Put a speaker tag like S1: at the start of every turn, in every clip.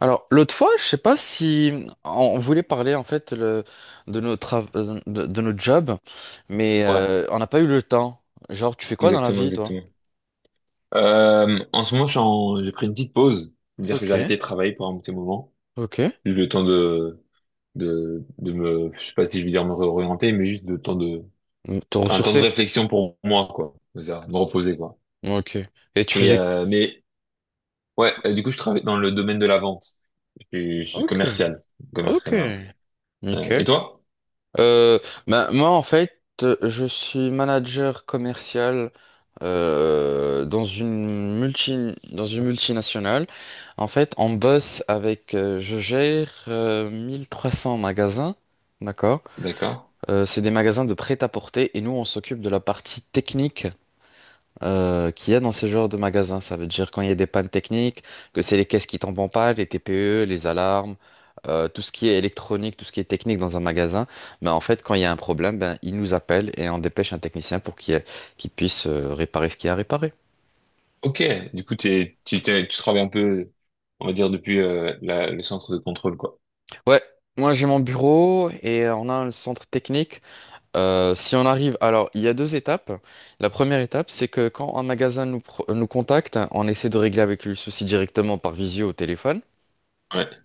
S1: Alors, l'autre fois, je sais pas si on voulait parler en fait de nos jobs, mais
S2: Ouais,
S1: on n'a pas eu le temps. Genre, tu fais quoi dans la
S2: exactement,
S1: vie, toi?
S2: exactement. En ce moment, j'ai pris une petite pause. C'est-à-dire que j'ai
S1: Ok,
S2: arrêté de travailler pour un petit moment.
S1: ok.
S2: Juste le temps de, de me, je sais pas si je veux dire me réorienter, mais juste le temps de,
S1: Te
S2: un temps de
S1: ressourcer.
S2: réflexion pour moi, quoi. C'est ça, me reposer, quoi.
S1: Ok. Et tu
S2: Et,
S1: faisais.
S2: mais, ouais, du coup, je travaille dans le domaine de la vente. Je suis
S1: Ok,
S2: commercial.
S1: ok.
S2: Commercial, hein. Et
S1: Nickel.
S2: toi?
S1: Euh, ben, moi, en fait, je suis manager commercial dans dans une multinationale. En fait, on bosse avec, je gère 1 300 magasins, d'accord?
S2: D'accord.
S1: C'est des magasins de prêt-à-porter et nous, on s'occupe de la partie technique qu'il y a dans ce genre de magasin. Ça veut dire quand il y a des pannes techniques, que c'est les caisses qui tombent en panne, les TPE, les alarmes, tout ce qui est électronique, tout ce qui est technique dans un magasin. Mais en fait, quand il y a un problème, ben, ils nous appellent et on dépêche un technicien pour qu'il puisse réparer ce qu'il y a à réparer.
S2: Ok. Du coup, tu travailles un peu, on va dire, depuis, le centre de contrôle, quoi.
S1: Ouais. Moi, j'ai mon bureau et on a un centre technique. Si on arrive, alors il y a deux étapes. La première étape, c'est que quand un magasin nous contacte, on essaie de régler avec lui le souci directement par visio au téléphone.
S2: Ouais.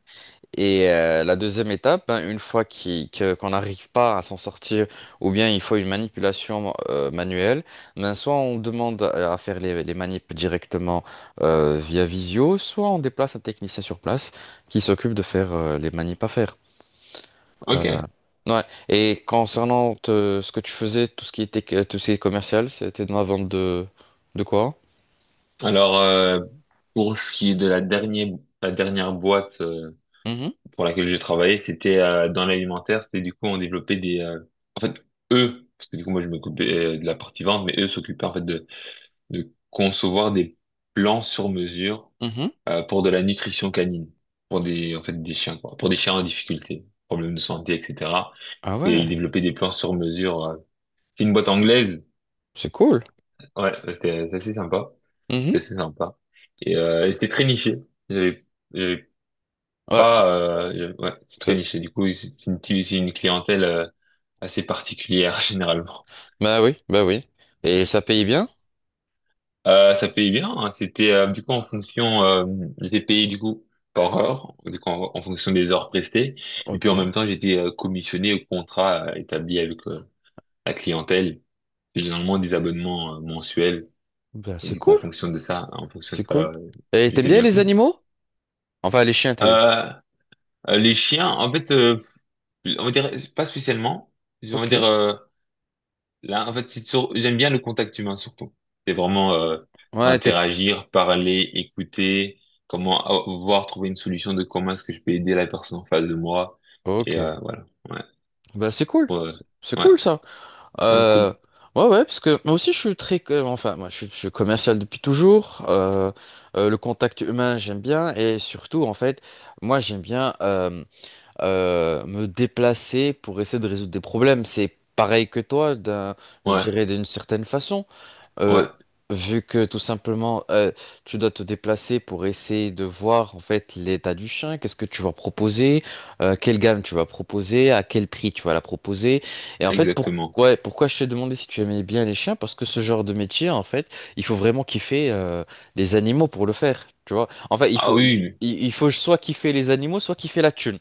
S1: Et la deuxième étape, hein, une fois qu'on n'arrive pas à s'en sortir, ou bien il faut une manipulation manuelle, ben soit on demande à faire les manips directement via visio, soit on déplace un technicien sur place qui s'occupe de faire les manips à faire. Euh,
S2: Ok.
S1: ouais. Et concernant ce que tu faisais, tout ce qui était tout ce qui est commercial, c'était dans la vente de quoi?
S2: Alors, pour ce qui est de la dernière boîte
S1: Mhm,
S2: pour laquelle j'ai travaillé, c'était dans l'alimentaire. C'était du coup, on développait en fait, eux, parce que du coup, moi, je m'occupais de la partie vente, mais eux s'occupaient en fait de concevoir des plans sur mesure
S1: mhm.
S2: pour de la nutrition canine, pour des, en fait, des chiens, quoi, pour des chiens en difficulté, problèmes de santé, etc.
S1: Ah
S2: Et ils
S1: ouais,
S2: développaient des plans sur mesure. Euh. C'est une boîte anglaise.
S1: c'est cool.
S2: Ouais, c'est assez sympa.
S1: Mhm.
S2: Que c'est sympa. Et c'était très niché. J'avais j'avais
S1: Ouais,
S2: pas, ouais, c'est très
S1: c'est-
S2: niché. Du coup, c'est c'est une clientèle assez particulière généralement.
S1: bah oui, bah oui. Et ça paye bien?
S2: Ça payait bien. Hein. C'était du coup en fonction, j'étais payé du coup par heure, du coup en, en fonction des heures prestées. Et puis en
S1: Ok.
S2: même temps, j'étais commissionné au contrat établi avec la clientèle. C'est généralement des abonnements mensuels.
S1: Ben,
S2: Et
S1: c'est
S2: du coup, en
S1: cool.
S2: fonction de ça, en fonction de
S1: C'est
S2: ça,
S1: cool. Et t'aimes
S2: j'étais
S1: bien
S2: bien
S1: les
S2: payé.
S1: animaux? Enfin, les chiens, t'es.
S2: Euh, les chiens, en fait. Euh, on va dire, pas spécialement. On va
S1: Ok.
S2: dire, là, en fait, j'aime bien le contact humain surtout. C'est vraiment
S1: Ouais, t'es.
S2: interagir, parler, écouter, voir, trouver une solution de comment est-ce que je peux aider la personne en face de moi. Et
S1: Ok.
S2: voilà, ouais.
S1: Ben, c'est cool.
S2: Ouais,
S1: C'est
S2: ouais.
S1: cool, ça.
S2: Ah,
S1: Euh,
S2: cool.
S1: ouais, ouais, parce que moi aussi, je suis très, enfin, moi, je suis commercial depuis toujours. Le contact humain, j'aime bien. Et surtout, en fait, moi, j'aime bien me déplacer pour essayer de résoudre des problèmes. C'est pareil que toi, je
S2: Ouais,
S1: dirais d'une certaine façon.
S2: ouais,
S1: Euh, Vu que tout simplement tu dois te déplacer pour essayer de voir en fait l'état du chien, qu'est-ce que tu vas proposer, quelle gamme tu vas proposer, à quel prix tu vas la proposer. Et en fait,
S2: exactement.
S1: pourquoi je t'ai demandé si tu aimais bien les chiens? Parce que ce genre de métier, en fait, il faut vraiment kiffer les animaux pour le faire. Tu vois, en fait,
S2: Ah oui,
S1: il faut soit kiffer les animaux, soit kiffer la thune.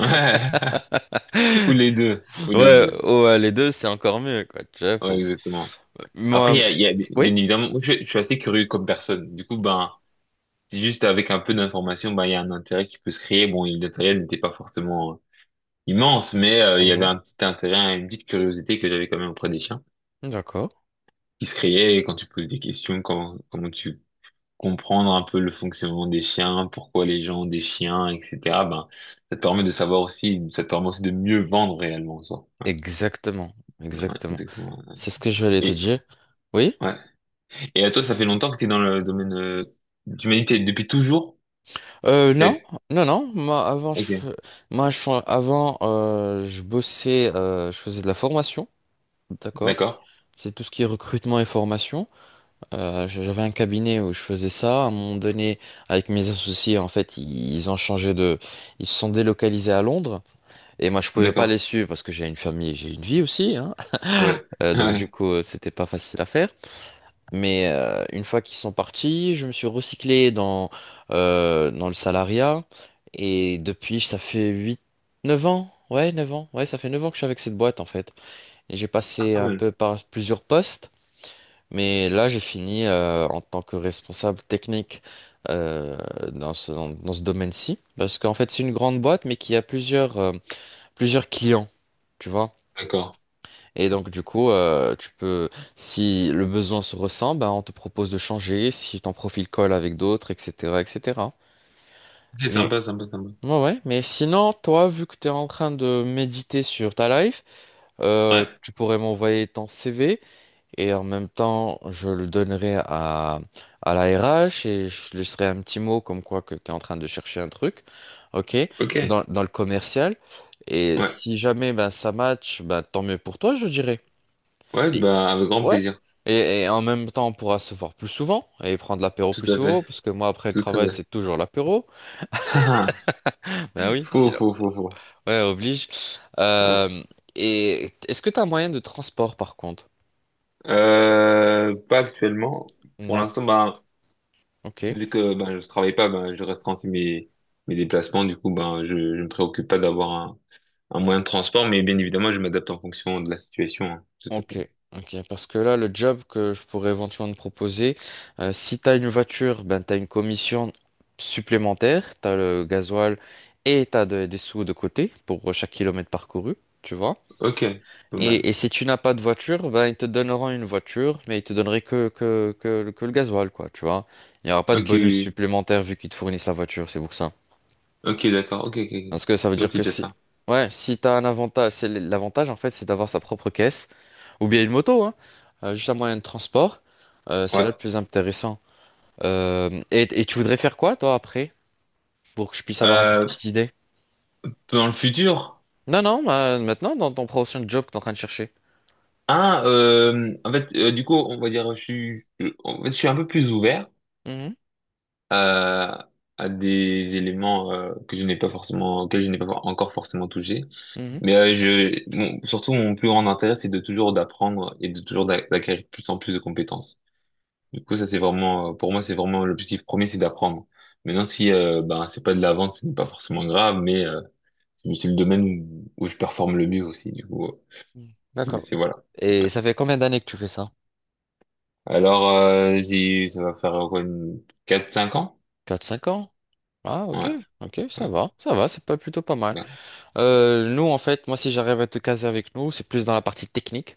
S2: oui, ouais. Ou les deux, ou les
S1: Ouais,
S2: deux.
S1: ouais, les deux, c'est encore mieux, quoi. Tu vois,
S2: Ouais,
S1: pour.
S2: exactement. Après,
S1: Moi, oui?
S2: bien évidemment, moi, je suis assez curieux comme personne. Du coup, ben, c'est juste avec un peu d'information, bah, il y a un intérêt qui peut se créer. Bon, l'intérêt n'était pas forcément immense, mais il y avait
S1: Mhm.
S2: un petit intérêt, une petite curiosité que j'avais quand même auprès des chiens,
S1: D'accord.
S2: qui se créait et quand tu poses des questions, comment tu comprendre un peu le fonctionnement des chiens, pourquoi les gens ont des chiens, etc. Ben, ça te permet de savoir aussi, ça te permet aussi de mieux vendre réellement en soi. Ouais,
S1: Exactement,
S2: ouais,
S1: exactement.
S2: exactement.
S1: C'est ce que je voulais te
S2: Et,
S1: dire. Oui?
S2: ouais. Et à toi, ça fait longtemps que tu es dans le domaine d'humanité, depuis toujours?
S1: Non,
S2: T'es-
S1: non, non. Moi, avant, je,
S2: Ok,
S1: fais- moi, je, fais- avant, je bossais, je faisais de la formation, d'accord?
S2: d'accord,
S1: C'est tout ce qui est recrutement et formation. J'avais un cabinet où je faisais ça. À un moment donné, avec mes associés, en fait, ils ont changé de, ils se sont délocalisés à Londres. Et moi, je pouvais pas les
S2: d'accord,
S1: suivre parce que j'ai une famille, et j'ai une vie aussi, hein.
S2: ouais.
S1: Donc du
S2: Ouais.
S1: coup, c'était pas facile à faire. Mais une fois qu'ils sont partis, je me suis recyclé dans le salariat. Et depuis, ça fait 8, 9 ans. Ouais, 9 ans. Ouais, ça fait 9 ans que je suis avec cette boîte en fait. Et j'ai
S2: Ah,
S1: passé
S2: pas
S1: un
S2: mal.
S1: peu par plusieurs postes. Mais là, j'ai fini en tant que responsable technique euh, dans ce domaine-ci. Parce qu'en fait, c'est une grande boîte, mais qui a plusieurs clients. Tu vois?
S2: D'accord.
S1: Et donc du coup, tu peux, si le besoin se ressent, ben, on te propose de changer, si ton profil colle avec d'autres, etc., etc.
S2: Ok,
S1: Mais
S2: sympa, sympa, sympa.
S1: ouais, ouais. Mais sinon, toi, vu que tu es en train de méditer sur ta life,
S2: Ouais.
S1: tu pourrais m'envoyer ton CV et en même temps, je le donnerai à la RH et je laisserai un petit mot comme quoi que tu es en train de chercher un truc, ok,
S2: Ok.
S1: dans dans le commercial. Et
S2: Ouais.
S1: si jamais ben ça match, ben tant mieux pour toi, je dirais.
S2: Ouais,
S1: Et
S2: bah, avec grand
S1: Ouais.
S2: plaisir.
S1: Et en même temps, on pourra se voir plus souvent et prendre l'apéro
S2: Tout
S1: plus
S2: à
S1: souvent,
S2: fait.
S1: parce que moi, après le
S2: Tout à
S1: travail,
S2: fait.
S1: c'est toujours l'apéro.
S2: Ah, ah.
S1: Ben oui, si,
S2: Faux, faux, faux, faux.
S1: ouais, oblige.
S2: Ouais.
S1: Euh, et est-ce que tu as un moyen de transport, par contre?
S2: Pas actuellement. Pour l'instant,
S1: D'accord.
S2: ben,
S1: Ok.
S2: vu que ben, je travaille pas, ben, je restreins aussi mes, mes déplacements. Du coup, ben, je me préoccupe pas d'avoir un moyen de transport, mais bien évidemment, je m'adapte en fonction de la situation. Hein. Tout à fait.
S1: Ok. Ok. Parce que là, le job que je pourrais éventuellement te proposer, si tu as une voiture, ben, tu as une commission supplémentaire, tu as le gasoil et tu as des sous de côté pour chaque kilomètre parcouru, tu vois.
S2: Ok. Pas
S1: Et,
S2: mal.
S1: et si tu n'as pas de voiture, ben ils te donneront une voiture, mais ils te donneraient que le gasoil, quoi, tu vois. Il n'y aura pas de
S2: Ok,
S1: bonus
S2: oui.
S1: supplémentaire vu qu'ils te fournissent la voiture, c'est pour ça.
S2: Ok, d'accord. Ok, ok, ok.
S1: Parce que ça veut
S2: Moi,
S1: dire
S2: c'est
S1: que
S2: déjà
S1: si,
S2: ça.
S1: ouais, si t'as un avantage, c'est l'avantage en fait, c'est d'avoir sa propre caisse, ou bien une moto, hein, juste un moyen de transport, c'est
S2: Ouais.
S1: là le plus intéressant. Et tu voudrais faire quoi, toi, après, pour que je puisse avoir une
S2: Euh,
S1: petite idée?
S2: dans le futur.
S1: Non, non, bah, maintenant, dans ton prochain job que t'es en train de chercher.
S2: Ah, en fait, du coup, on va dire, en fait, je suis un peu plus ouvert
S1: Mhm,
S2: à, à des éléments que je n'ai pas forcément, auxquels je n'ai pas encore forcément touché.
S1: mhm.
S2: Mais surtout, mon plus grand intérêt, c'est de toujours d'apprendre et de toujours d'acquérir de plus en plus de compétences. Du coup, ça, c'est vraiment, pour moi, c'est vraiment l'objectif premier, c'est d'apprendre. Maintenant, si ben, c'est pas de la vente, ce n'est pas forcément grave, mais c'est le domaine où, où je performe le mieux aussi. Du coup,
S1: Hmm. D'accord.
S2: voilà.
S1: Et ça fait combien d'années que tu fais ça?
S2: Alors, ça va faire quoi, une... quatre cinq ans?
S1: 4, 5 ans? Ah, ok,
S2: Ouais,
S1: ok,
S2: ouais,
S1: ça va, c'est pas plutôt pas mal.
S2: ouais.
S1: Nous, en fait, moi, si j'arrive à te caser avec nous, c'est plus dans la partie technique,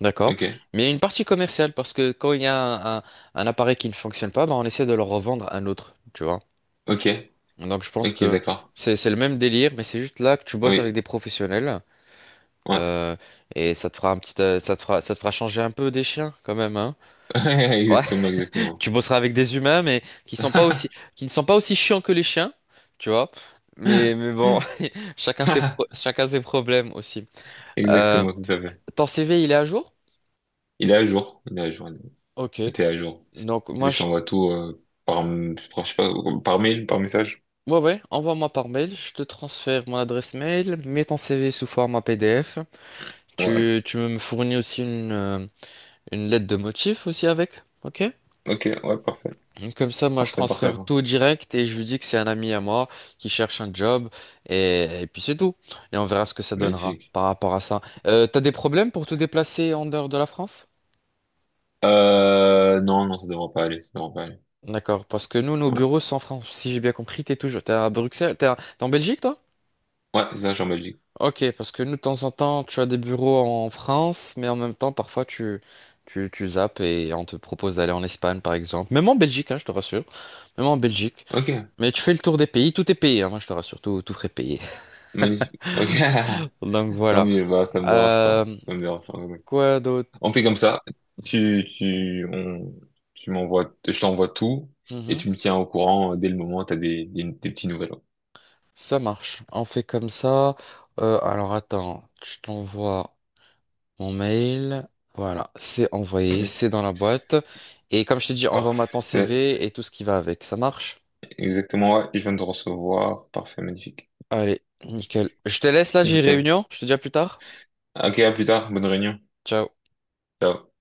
S1: d'accord?
S2: Ok,
S1: Mais il y a une partie commerciale, parce que quand il y a un appareil qui ne fonctionne pas, bah, on essaie de le revendre à un autre, tu vois?
S2: ok,
S1: Donc, je pense
S2: ok,
S1: que
S2: d'accord.
S1: c'est le même délire, mais c'est juste là que tu bosses avec
S2: Oui,
S1: des professionnels,
S2: ouais.
S1: euh, et ça te fera ça te fera changer un peu des chiens, quand même, hein? Ouais.
S2: Exactement, exactement.
S1: Tu bosseras avec des humains, mais qui sont pas aussi, qui ne sont pas aussi chiants que les chiens, tu vois. Mais bon, chacun ses problèmes aussi. Euh,
S2: Exactement, tout à fait.
S1: Ton CV, il est à jour?
S2: Il est à jour, il est à jour,
S1: Ok.
S2: tout est à jour.
S1: Donc,
S2: Je
S1: moi, je.
S2: t'envoie tout par, je sais pas, par mail, par message.
S1: Ouais, ouais, envoie-moi par mail. Je te transfère mon adresse mail. Mets ton CV sous format PDF.
S2: Ouais,
S1: Tu me fournis aussi une lettre de motif aussi avec. Ok?
S2: ok, ouais, parfait,
S1: Comme ça, moi, je
S2: parfait, parfait,
S1: transfère
S2: parfait.
S1: tout direct et je lui dis que c'est un ami à moi qui cherche un job et puis c'est tout. Et on verra ce que ça donnera
S2: Magnifique.
S1: par rapport à ça. T'as des problèmes pour te déplacer en dehors de la France?
S2: Non, non, ça devrait pas aller, ça devrait pas aller.
S1: D'accord, parce que nous, nos
S2: Ouais,
S1: bureaux sont en France. Si j'ai bien compris, t'es toujours, t'es à Bruxelles, t'es en Belgique, toi?
S2: ouais, c'est ça, je suis en Belgique.
S1: Ok, parce que nous, de temps en temps, tu as des bureaux en France, mais en même temps, parfois, tu zappes et on te propose d'aller en Espagne, par exemple. Même en Belgique, hein, je te rassure. Même en Belgique.
S2: Ok,
S1: Mais tu fais le tour des pays, tout est payé, hein, moi, je te rassure, tout frais payé.
S2: magnifique. Ok.
S1: Donc
S2: Tant
S1: voilà.
S2: mieux, bah, ça me dérange pas.
S1: Euh,
S2: Ça me dérange pas. Oui.
S1: quoi d'autre?
S2: On fait comme ça. Tu, tu, on, tu m'envoies, je t'envoie tout et
S1: Mhm.
S2: tu me tiens au courant dès le moment où t'as des petits nouvelles.
S1: Ça marche. On fait comme ça. Alors attends, je t'envoie mon mail. Voilà, c'est envoyé,
S2: Ouais.
S1: c'est dans la boîte. Et comme je t'ai dit, envoie-moi ton
S2: Parfait.
S1: CV et tout ce qui va avec. Ça marche?
S2: Exactement, ouais. Je viens de recevoir. Parfait, magnifique.
S1: Allez, nickel. Je te laisse là, j'ai
S2: Nickel.
S1: réunion. Je te dis à plus tard.
S2: Ok, à plus tard. Bonne réunion.
S1: Ciao.
S2: Ciao.